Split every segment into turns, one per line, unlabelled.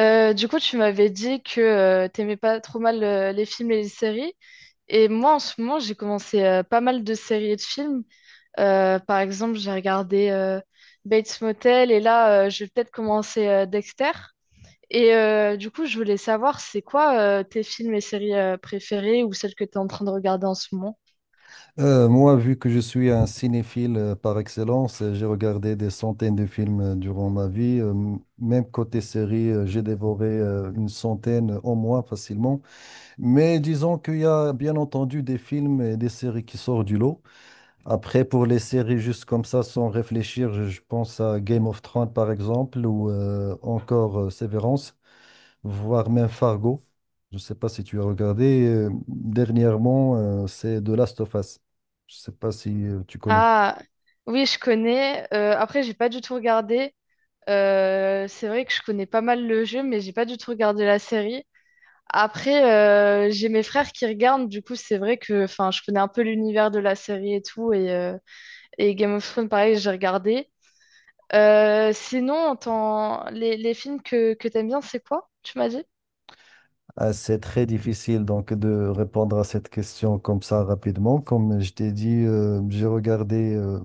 Du coup, tu m'avais dit que t'aimais pas trop mal les films et les séries. Et moi, en ce moment, j'ai commencé pas mal de séries et de films. Par exemple, j'ai regardé Bates Motel et là, je vais peut-être commencer Dexter. Du coup, je voulais savoir, c'est quoi tes films et séries préférés ou celles que tu es en train de regarder en ce moment?
Moi, vu que je suis un cinéphile par excellence, j'ai regardé des centaines de films durant ma vie. Même côté série, j'ai dévoré une centaine au moins facilement. Mais disons qu'il y a bien entendu des films et des séries qui sortent du lot. Après, pour les séries juste comme ça, sans réfléchir, je pense à Game of Thrones par exemple ou encore Severance, voire même Fargo. Je ne sais pas si tu as regardé, dernièrement, c'est The Last of Us. Je ne sais pas si tu connais.
Ah, oui, je connais. Après, j'ai pas du tout regardé. C'est vrai que je connais pas mal le jeu, mais j'ai pas du tout regardé la série. Après, j'ai mes frères qui regardent, du coup, c'est vrai que enfin, je connais un peu l'univers de la série et tout. Et Game of Thrones, pareil, j'ai regardé. Sinon, les films que t'aimes bien, c'est quoi, tu m'as dit?
Ah, c'est très difficile donc de répondre à cette question comme ça rapidement. Comme je t'ai dit, j'ai regardé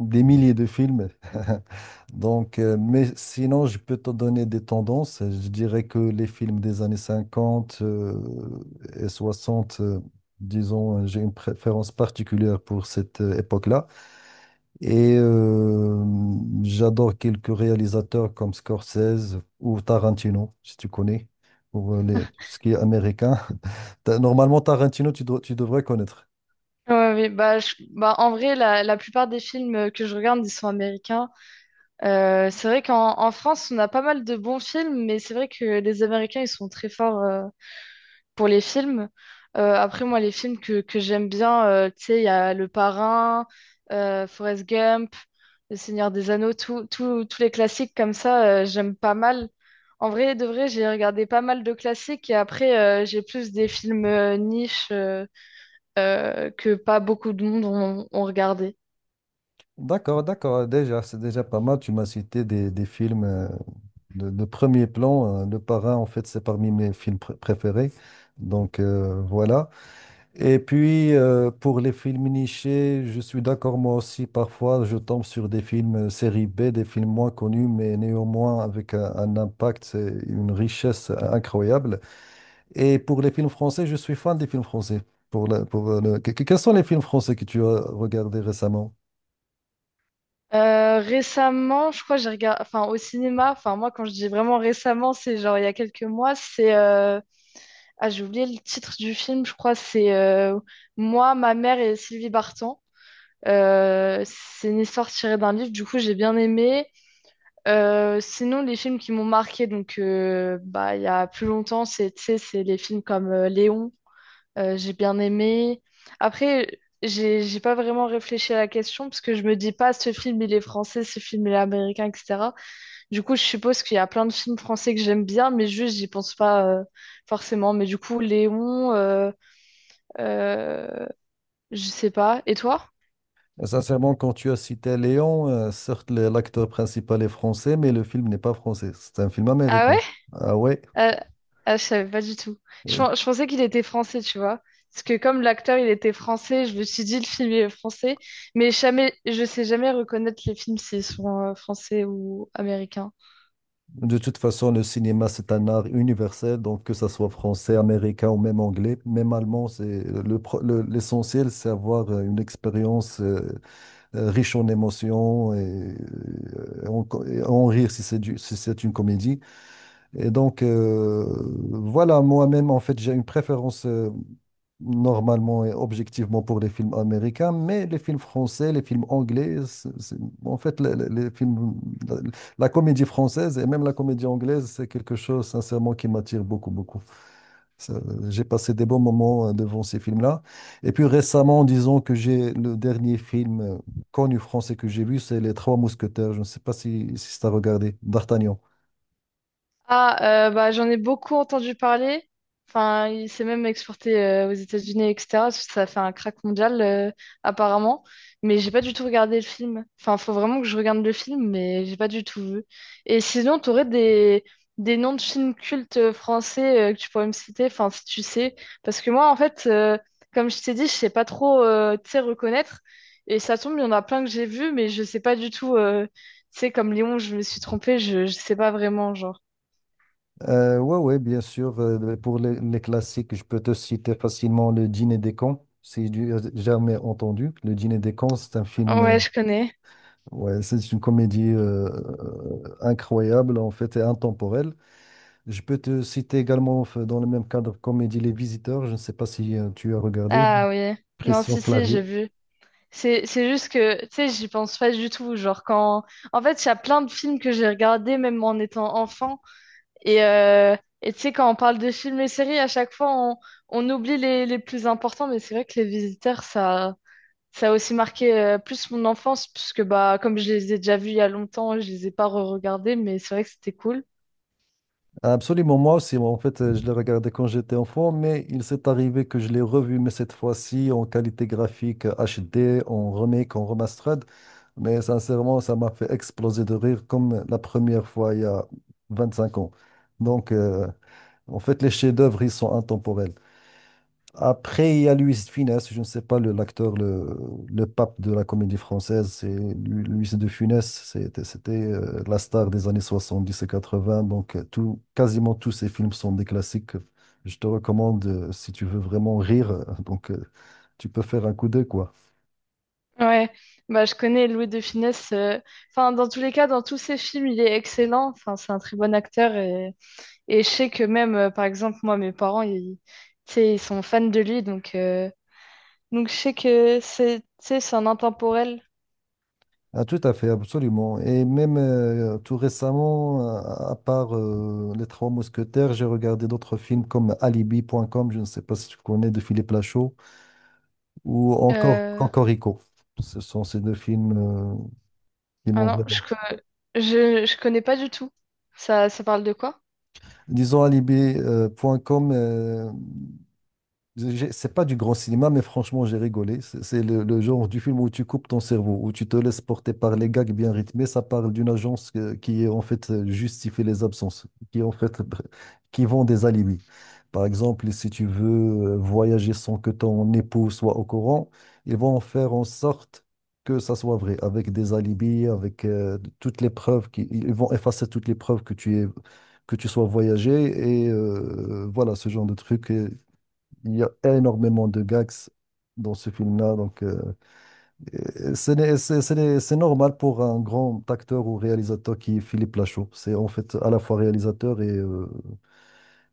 des milliers de films. Donc, mais sinon, je peux te donner des tendances. Je dirais que les films des années 50 et 60, disons, j'ai une préférence particulière pour cette époque-là. Et j'adore quelques réalisateurs comme Scorsese ou Tarantino, si tu connais, ou ce qui est américain. Normalement, Tarantino, tu devrais connaître.
Ouais, oui, en vrai, la plupart des films que je regarde, ils sont américains. C'est vrai qu'en en France, on a pas mal de bons films, mais c'est vrai que les Américains, ils sont très forts pour les films. Après, moi, les films que j'aime bien, tu sais, il y a Le Parrain, Forrest Gump, Le Seigneur des Anneaux, tous les classiques comme ça, j'aime pas mal. En vrai, de vrai, j'ai regardé pas mal de classiques et après, j'ai plus des films niches que pas beaucoup de monde ont regardé.
D'accord, d'accord, déjà, c'est déjà pas mal. Tu m'as cité des films de premier plan. Le Parrain, en fait, c'est parmi mes films préférés. Donc, voilà. Et puis, pour les films nichés, je suis d'accord, moi aussi, parfois, je tombe sur des films série B, des films moins connus, mais néanmoins avec un impact, c'est une richesse incroyable. Et pour les films français, je suis fan des films français. Pour la- pour le- que- Quels sont les films français que tu as regardés récemment?
Récemment, je crois que j'ai regardé, enfin au cinéma, enfin moi quand je dis vraiment récemment, c'est genre il y a quelques mois, c'est Ah, j'ai oublié le titre du film, je crois, c'est Moi, ma mère et Sylvie Vartan. C'est une histoire tirée d'un livre, du coup, j'ai bien aimé. Sinon, les films qui m'ont marqué, donc, bah, il y a plus longtemps, c'est, tu sais, c'est les films comme Léon, j'ai bien aimé. Après, j'ai pas vraiment réfléchi à la question, parce que je me dis pas, ce film, il est français, ce film, il est américain, etc. Du coup, je suppose qu'il y a plein de films français que j'aime bien, mais juste, j'y pense pas forcément. Mais du coup, Léon. Euh, je sais pas. Et toi?
Sincèrement, quand tu as cité Léon, certes, l'acteur principal est français, mais le film n'est pas français, c'est un film
Ah
américain.
ouais?
Ah ouais?
Euh, ah, je savais pas du tout.
euh,
Je pensais qu'il était français, tu vois. Parce que comme l'acteur, il était français, je me suis dit le film est français. Mais jamais, je sais jamais reconnaître les films s'ils sont français ou américains.
De toute façon, le cinéma, c'est un art universel, donc que ça soit français, américain ou même anglais, même allemand, c'est le, pro- le- l'essentiel, c'est avoir une expérience riche en émotions et en rire si si c'est une comédie. Et donc, voilà, moi-même, en fait, j'ai une préférence, normalement et objectivement pour les films américains, mais les films français, les films anglais, en fait, les films, la, la comédie française et même la comédie anglaise, c'est quelque chose, sincèrement, qui m'attire beaucoup, beaucoup. Ça, j'ai passé des bons moments devant ces films-là. Et puis récemment, disons que j'ai le dernier film connu français que j'ai vu, c'est Les Trois Mousquetaires. Je ne sais pas si tu as regardé, D'Artagnan.
Ah, bah, j'en ai beaucoup entendu parler. Enfin, il s'est même exporté aux États-Unis, etc. parce que ça a fait un crack mondial, apparemment. Mais j'ai pas du tout regardé le film. Enfin, faut vraiment que je regarde le film, mais j'ai pas du tout vu. Et sinon, t'aurais des… des noms de films cultes français que tu pourrais me citer, enfin, si tu sais. Parce que moi, en fait, comme je t'ai dit, je sais pas trop, tu sais, reconnaître. Et ça tombe, il y en a plein que j'ai vus, mais je sais pas du tout. Tu sais, comme Léon, je me suis trompée, je sais pas vraiment, genre.
Ouais, ouais, bien sûr. Pour les classiques, je peux te citer facilement Le Dîner des cons, si tu as jamais entendu. Le Dîner des cons, c'est un film,
Ouais, je connais.
ouais, c'est une comédie incroyable en fait et intemporelle. Je peux te citer également dans le même cadre comédie Les Visiteurs. Je ne sais pas si tu as regardé
Ah oui. Non,
Christian
si, j'ai
Clavier.
vu. C'est juste que, tu sais, j'y pense pas du tout. Genre, quand. En fait, il y a plein de films que j'ai regardés, même en étant enfant. Et, euh, et tu sais, quand on parle de films et séries, à chaque fois, on oublie les plus importants. Mais c'est vrai que Les Visiteurs, ça a aussi marqué plus mon enfance, puisque, bah, comme je les ai déjà vus il y a longtemps, je les ai pas re-regardés. Mais c'est vrai que c'était cool.
Absolument, moi aussi. Moi, en fait, je l'ai regardé quand j'étais enfant, mais il s'est arrivé que je l'ai revu, mais cette fois-ci en qualité graphique HD, en remake, en remastered. Mais sincèrement, ça m'a fait exploser de rire comme la première fois il y a 25 ans. Donc, en fait, les chefs-d'œuvre, ils sont intemporels. Après, il y a Luis de Funès, je ne sais pas, l'acteur, le pape de la comédie française, c'est Luis de Funès, c'était la star des années 70 et 80, donc tout, quasiment tous ses films sont des classiques. Je te recommande, si tu veux vraiment rire, tu peux faire un coup d'œil, quoi.
Ouais, bah, je connais Louis de Funès. Enfin, dans tous les cas, dans tous ses films, il est excellent. Enfin, c'est un très bon acteur. Et je sais que même, par exemple, moi, mes parents, tu sais, ils sont fans de lui. Donc je sais que c'est, tu sais, c'est un intemporel.
Ah, tout à fait, absolument. Et même tout récemment, à part Les Trois Mousquetaires, j'ai regardé d'autres films comme Alibi.com, je ne sais pas si tu connais, de Philippe Lachaud, ou encore
Euh,
Cocorico. Ce sont ces deux films qui
Ah
m'ont
non, je,
vraiment.
co- je connais pas du tout. Ça parle de quoi?
Disons alibi point com. C'est pas du grand cinéma, mais franchement, j'ai rigolé. C'est le genre du film où tu coupes ton cerveau, où tu te laisses porter par les gags bien rythmés. Ça parle d'une agence qui, en fait, justifie les absences, qui, en fait, qui vend des alibis. Par exemple, si tu veux voyager sans que ton époux soit au courant, ils vont en faire en sorte que ça soit vrai, avec des alibis, avec toutes les preuves qui, ils vont effacer toutes les preuves que tu es, que tu sois voyagé, et voilà ce genre de truc. Il y a énormément de gags dans ce film-là, donc et ce n'est- c'est normal pour un grand acteur ou réalisateur qui est Philippe Lachaud. C'est en fait à la fois réalisateur et, euh,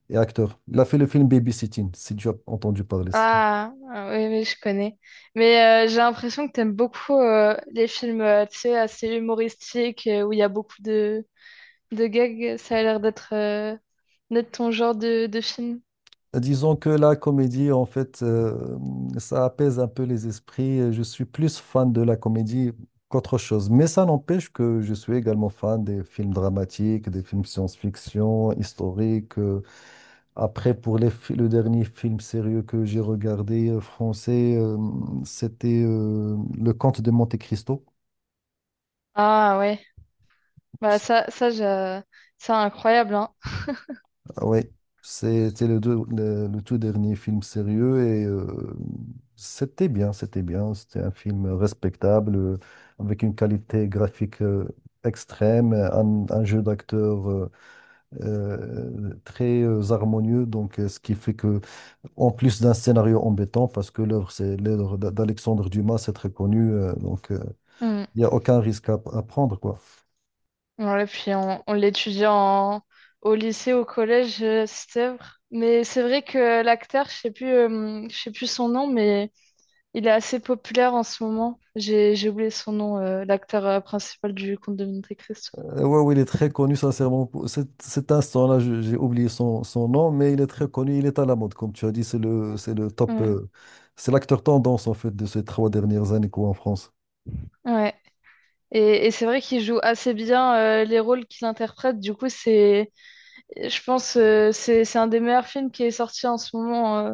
et acteur. Il a fait le film Babysitting, si tu as entendu parler.
Ah, oui, oui, je connais. Mais j'ai l'impression que t'aimes beaucoup les films, tu sais, assez humoristiques, où il y a beaucoup de gag, ça a l'air d'être ton genre de film.
Disons que la comédie, en fait, ça apaise un peu les esprits. Je suis plus fan de la comédie qu'autre chose. Mais ça n'empêche que je suis également fan des films dramatiques, des films science-fiction, historiques. Après, le dernier film sérieux que j'ai regardé français, c'était Le Comte de Monte-Cristo.
Ah ouais, bah
C'est-
ça, ça, j'a- c'est incroyable, hein.
Ouais, c'était le tout dernier film sérieux, et c'était bien, c'était bien. C'était un film respectable, avec une qualité graphique extrême, un jeu d'acteur très harmonieux, donc ce qui fait que, en plus d'un scénario embêtant, parce que l'œuvre, c'est l'œuvre d'Alexandre Dumas, c'est très connu,
Mm.
il n'y a aucun risque à prendre, quoi.
Ouais, puis on l'étudie en… au lycée, au collège, cette œuvre. Mais c'est vrai que l'acteur, je sais plus son nom, mais il est assez populaire en ce moment. J'ai oublié son nom, l'acteur principal du Conte de Monte Cristo.
Ouais, oui, il est très connu, sincèrement. Pour cet instant-là, j'ai oublié son nom, mais il est très connu, il est à la mode, comme tu as dit, c'est le top,
Mm.
c'est l'acteur tendance, en fait, de ces trois dernières années, quoi, en France.
Ouais. Et c'est vrai qu'il joue assez bien les rôles qu'il interprète. Du coup, c'est… Je pense c'est un des meilleurs films qui est sorti en ce moment euh,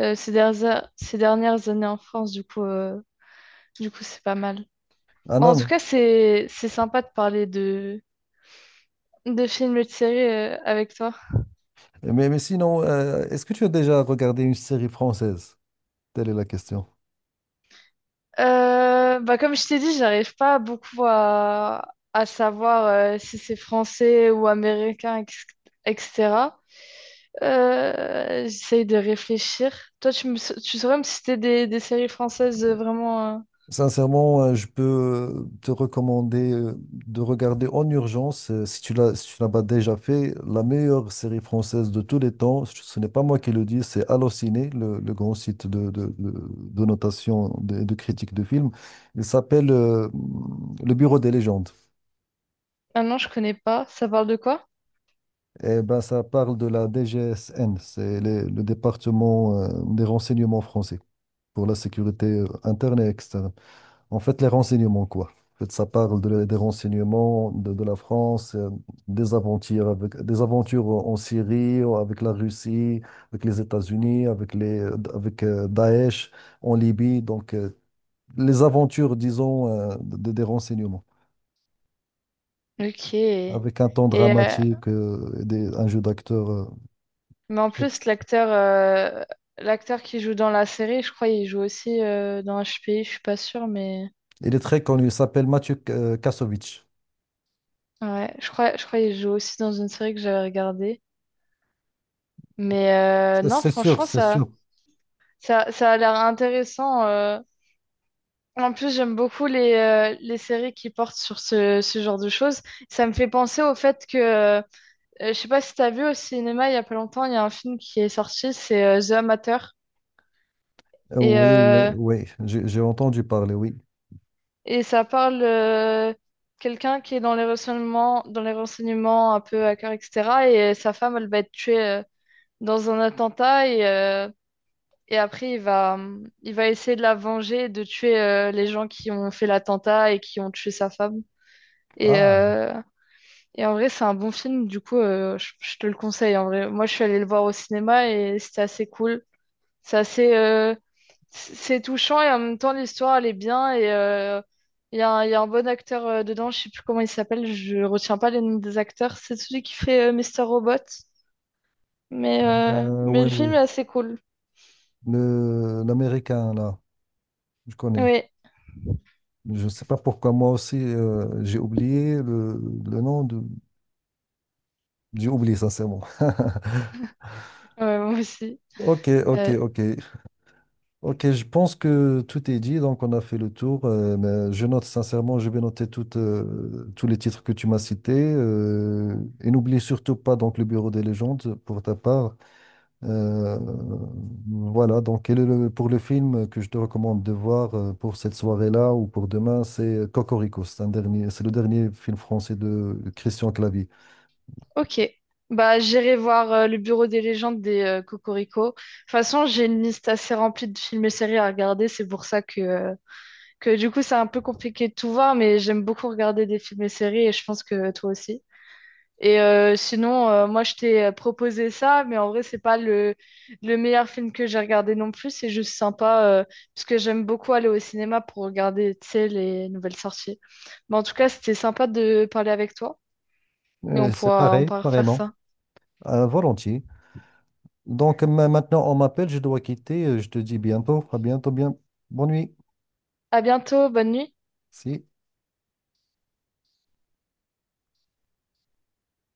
euh, ces dernières années en France du coup c'est pas mal.
Ah
Bon,
non,
en tout
non.
cas c'est sympa de parler de films et de séries avec toi.
Mais, mais sinon, est-ce que tu as déjà regardé une série française? Telle est la question.
Bah comme je t'ai dit j'arrive pas beaucoup à savoir si c'est français ou américain etc. J'essaye de réfléchir. Toi, tu saurais me citer des séries françaises vraiment.
Sincèrement, je peux te recommander de regarder en urgence, si tu l'as pas déjà fait, la meilleure série française de tous les temps. Ce n'est pas moi qui le dis, c'est Allociné, le grand site de notation et de critique de films. Il s'appelle Le Bureau des légendes.
Ah non, je connais pas. Ça parle de quoi?
Et ben, ça parle de la DGSN, c'est le département des renseignements français pour la sécurité interne et externe. En fait, les renseignements, quoi. En fait, ça parle des renseignements de la France, des aventures, des aventures en Syrie, ou avec la Russie, avec les États-Unis, avec Daesh en Libye. Donc, les aventures, disons, des renseignements,
Ok. Et
avec un ton
euh,
dramatique, un jeu d'acteur,
mais en
très-
plus l'acteur qui joue dans la série, je crois il joue aussi dans HPI, je suis pas sûre mais
il est très connu, il s'appelle Mathieu Kassovitch.
ouais, je crois il joue aussi dans une série que j'avais regardée. Mais
C'est
non,
c'est sûr,
franchement
c'est sûr.
ça a l'air intéressant. Euh. En plus, j'aime beaucoup les séries qui portent sur ce genre de choses. Ça me fait penser au fait que, je sais pas si t'as vu au cinéma il y a pas longtemps, il y a un film qui est sorti, c'est The Amateur. Et,
Oui, oui, oui, j'ai entendu parler, oui.
et ça parle quelqu'un qui est dans les renseignements un peu à cœur, etc. Et sa femme, elle va être tuée dans un attentat. Et après, il va essayer de la venger, et de tuer les gens qui ont fait l'attentat et qui ont tué sa femme. Et,
Ah,
euh, et en vrai, c'est un bon film. Du coup, je te le conseille. En vrai, moi, je suis allée le voir au cinéma et c'était assez cool. C'est assez, c'est touchant et en même temps l'histoire elle est bien et il y a, un il y a un bon acteur dedans, je sais plus comment il s'appelle, je retiens pas les noms des acteurs. C'est celui qui fait Mr. Robot, mais mais
oui,
le film est
oui.
assez cool.
L'américain, là, je connais.
Oui,
Je ne sais pas pourquoi moi aussi, j'ai oublié le nom de... J'ai oublié, sincèrement.
ouais, moi aussi.
Ok, ok,
Euh,
ok. Ok, je pense que tout est dit, donc on a fait le tour. Mais je note sincèrement, je vais noter tous les titres que tu m'as cités. Et n'oublie surtout pas donc le Bureau des légendes pour ta part. Euh, voilà, donc pour le film que je te recommande de voir pour cette soirée-là ou pour demain, c'est Cocorico. C'est le dernier film français de Christian Clavier.
ok. Bah, j'irai voir le Bureau des légendes des, Cocorico. De toute façon, j'ai une liste assez remplie de films et séries à regarder. C'est pour ça que du coup, c'est un peu compliqué de tout voir, mais j'aime beaucoup regarder des films et séries et je pense que toi aussi. Sinon, moi, je t'ai proposé ça, mais en vrai, c'est pas le, le meilleur film que j'ai regardé non plus. C'est juste sympa, parce que j'aime beaucoup aller au cinéma pour regarder, tu sais, les nouvelles sorties. Mais en tout cas, c'était sympa de parler avec toi et
C'est
on
pareil,
pourra refaire
pareillement,
ça.
volontiers. Donc maintenant, on m'appelle, je dois quitter. Je te dis bientôt, à bientôt, bien, bonne nuit.
À bientôt, bonne nuit.
Si.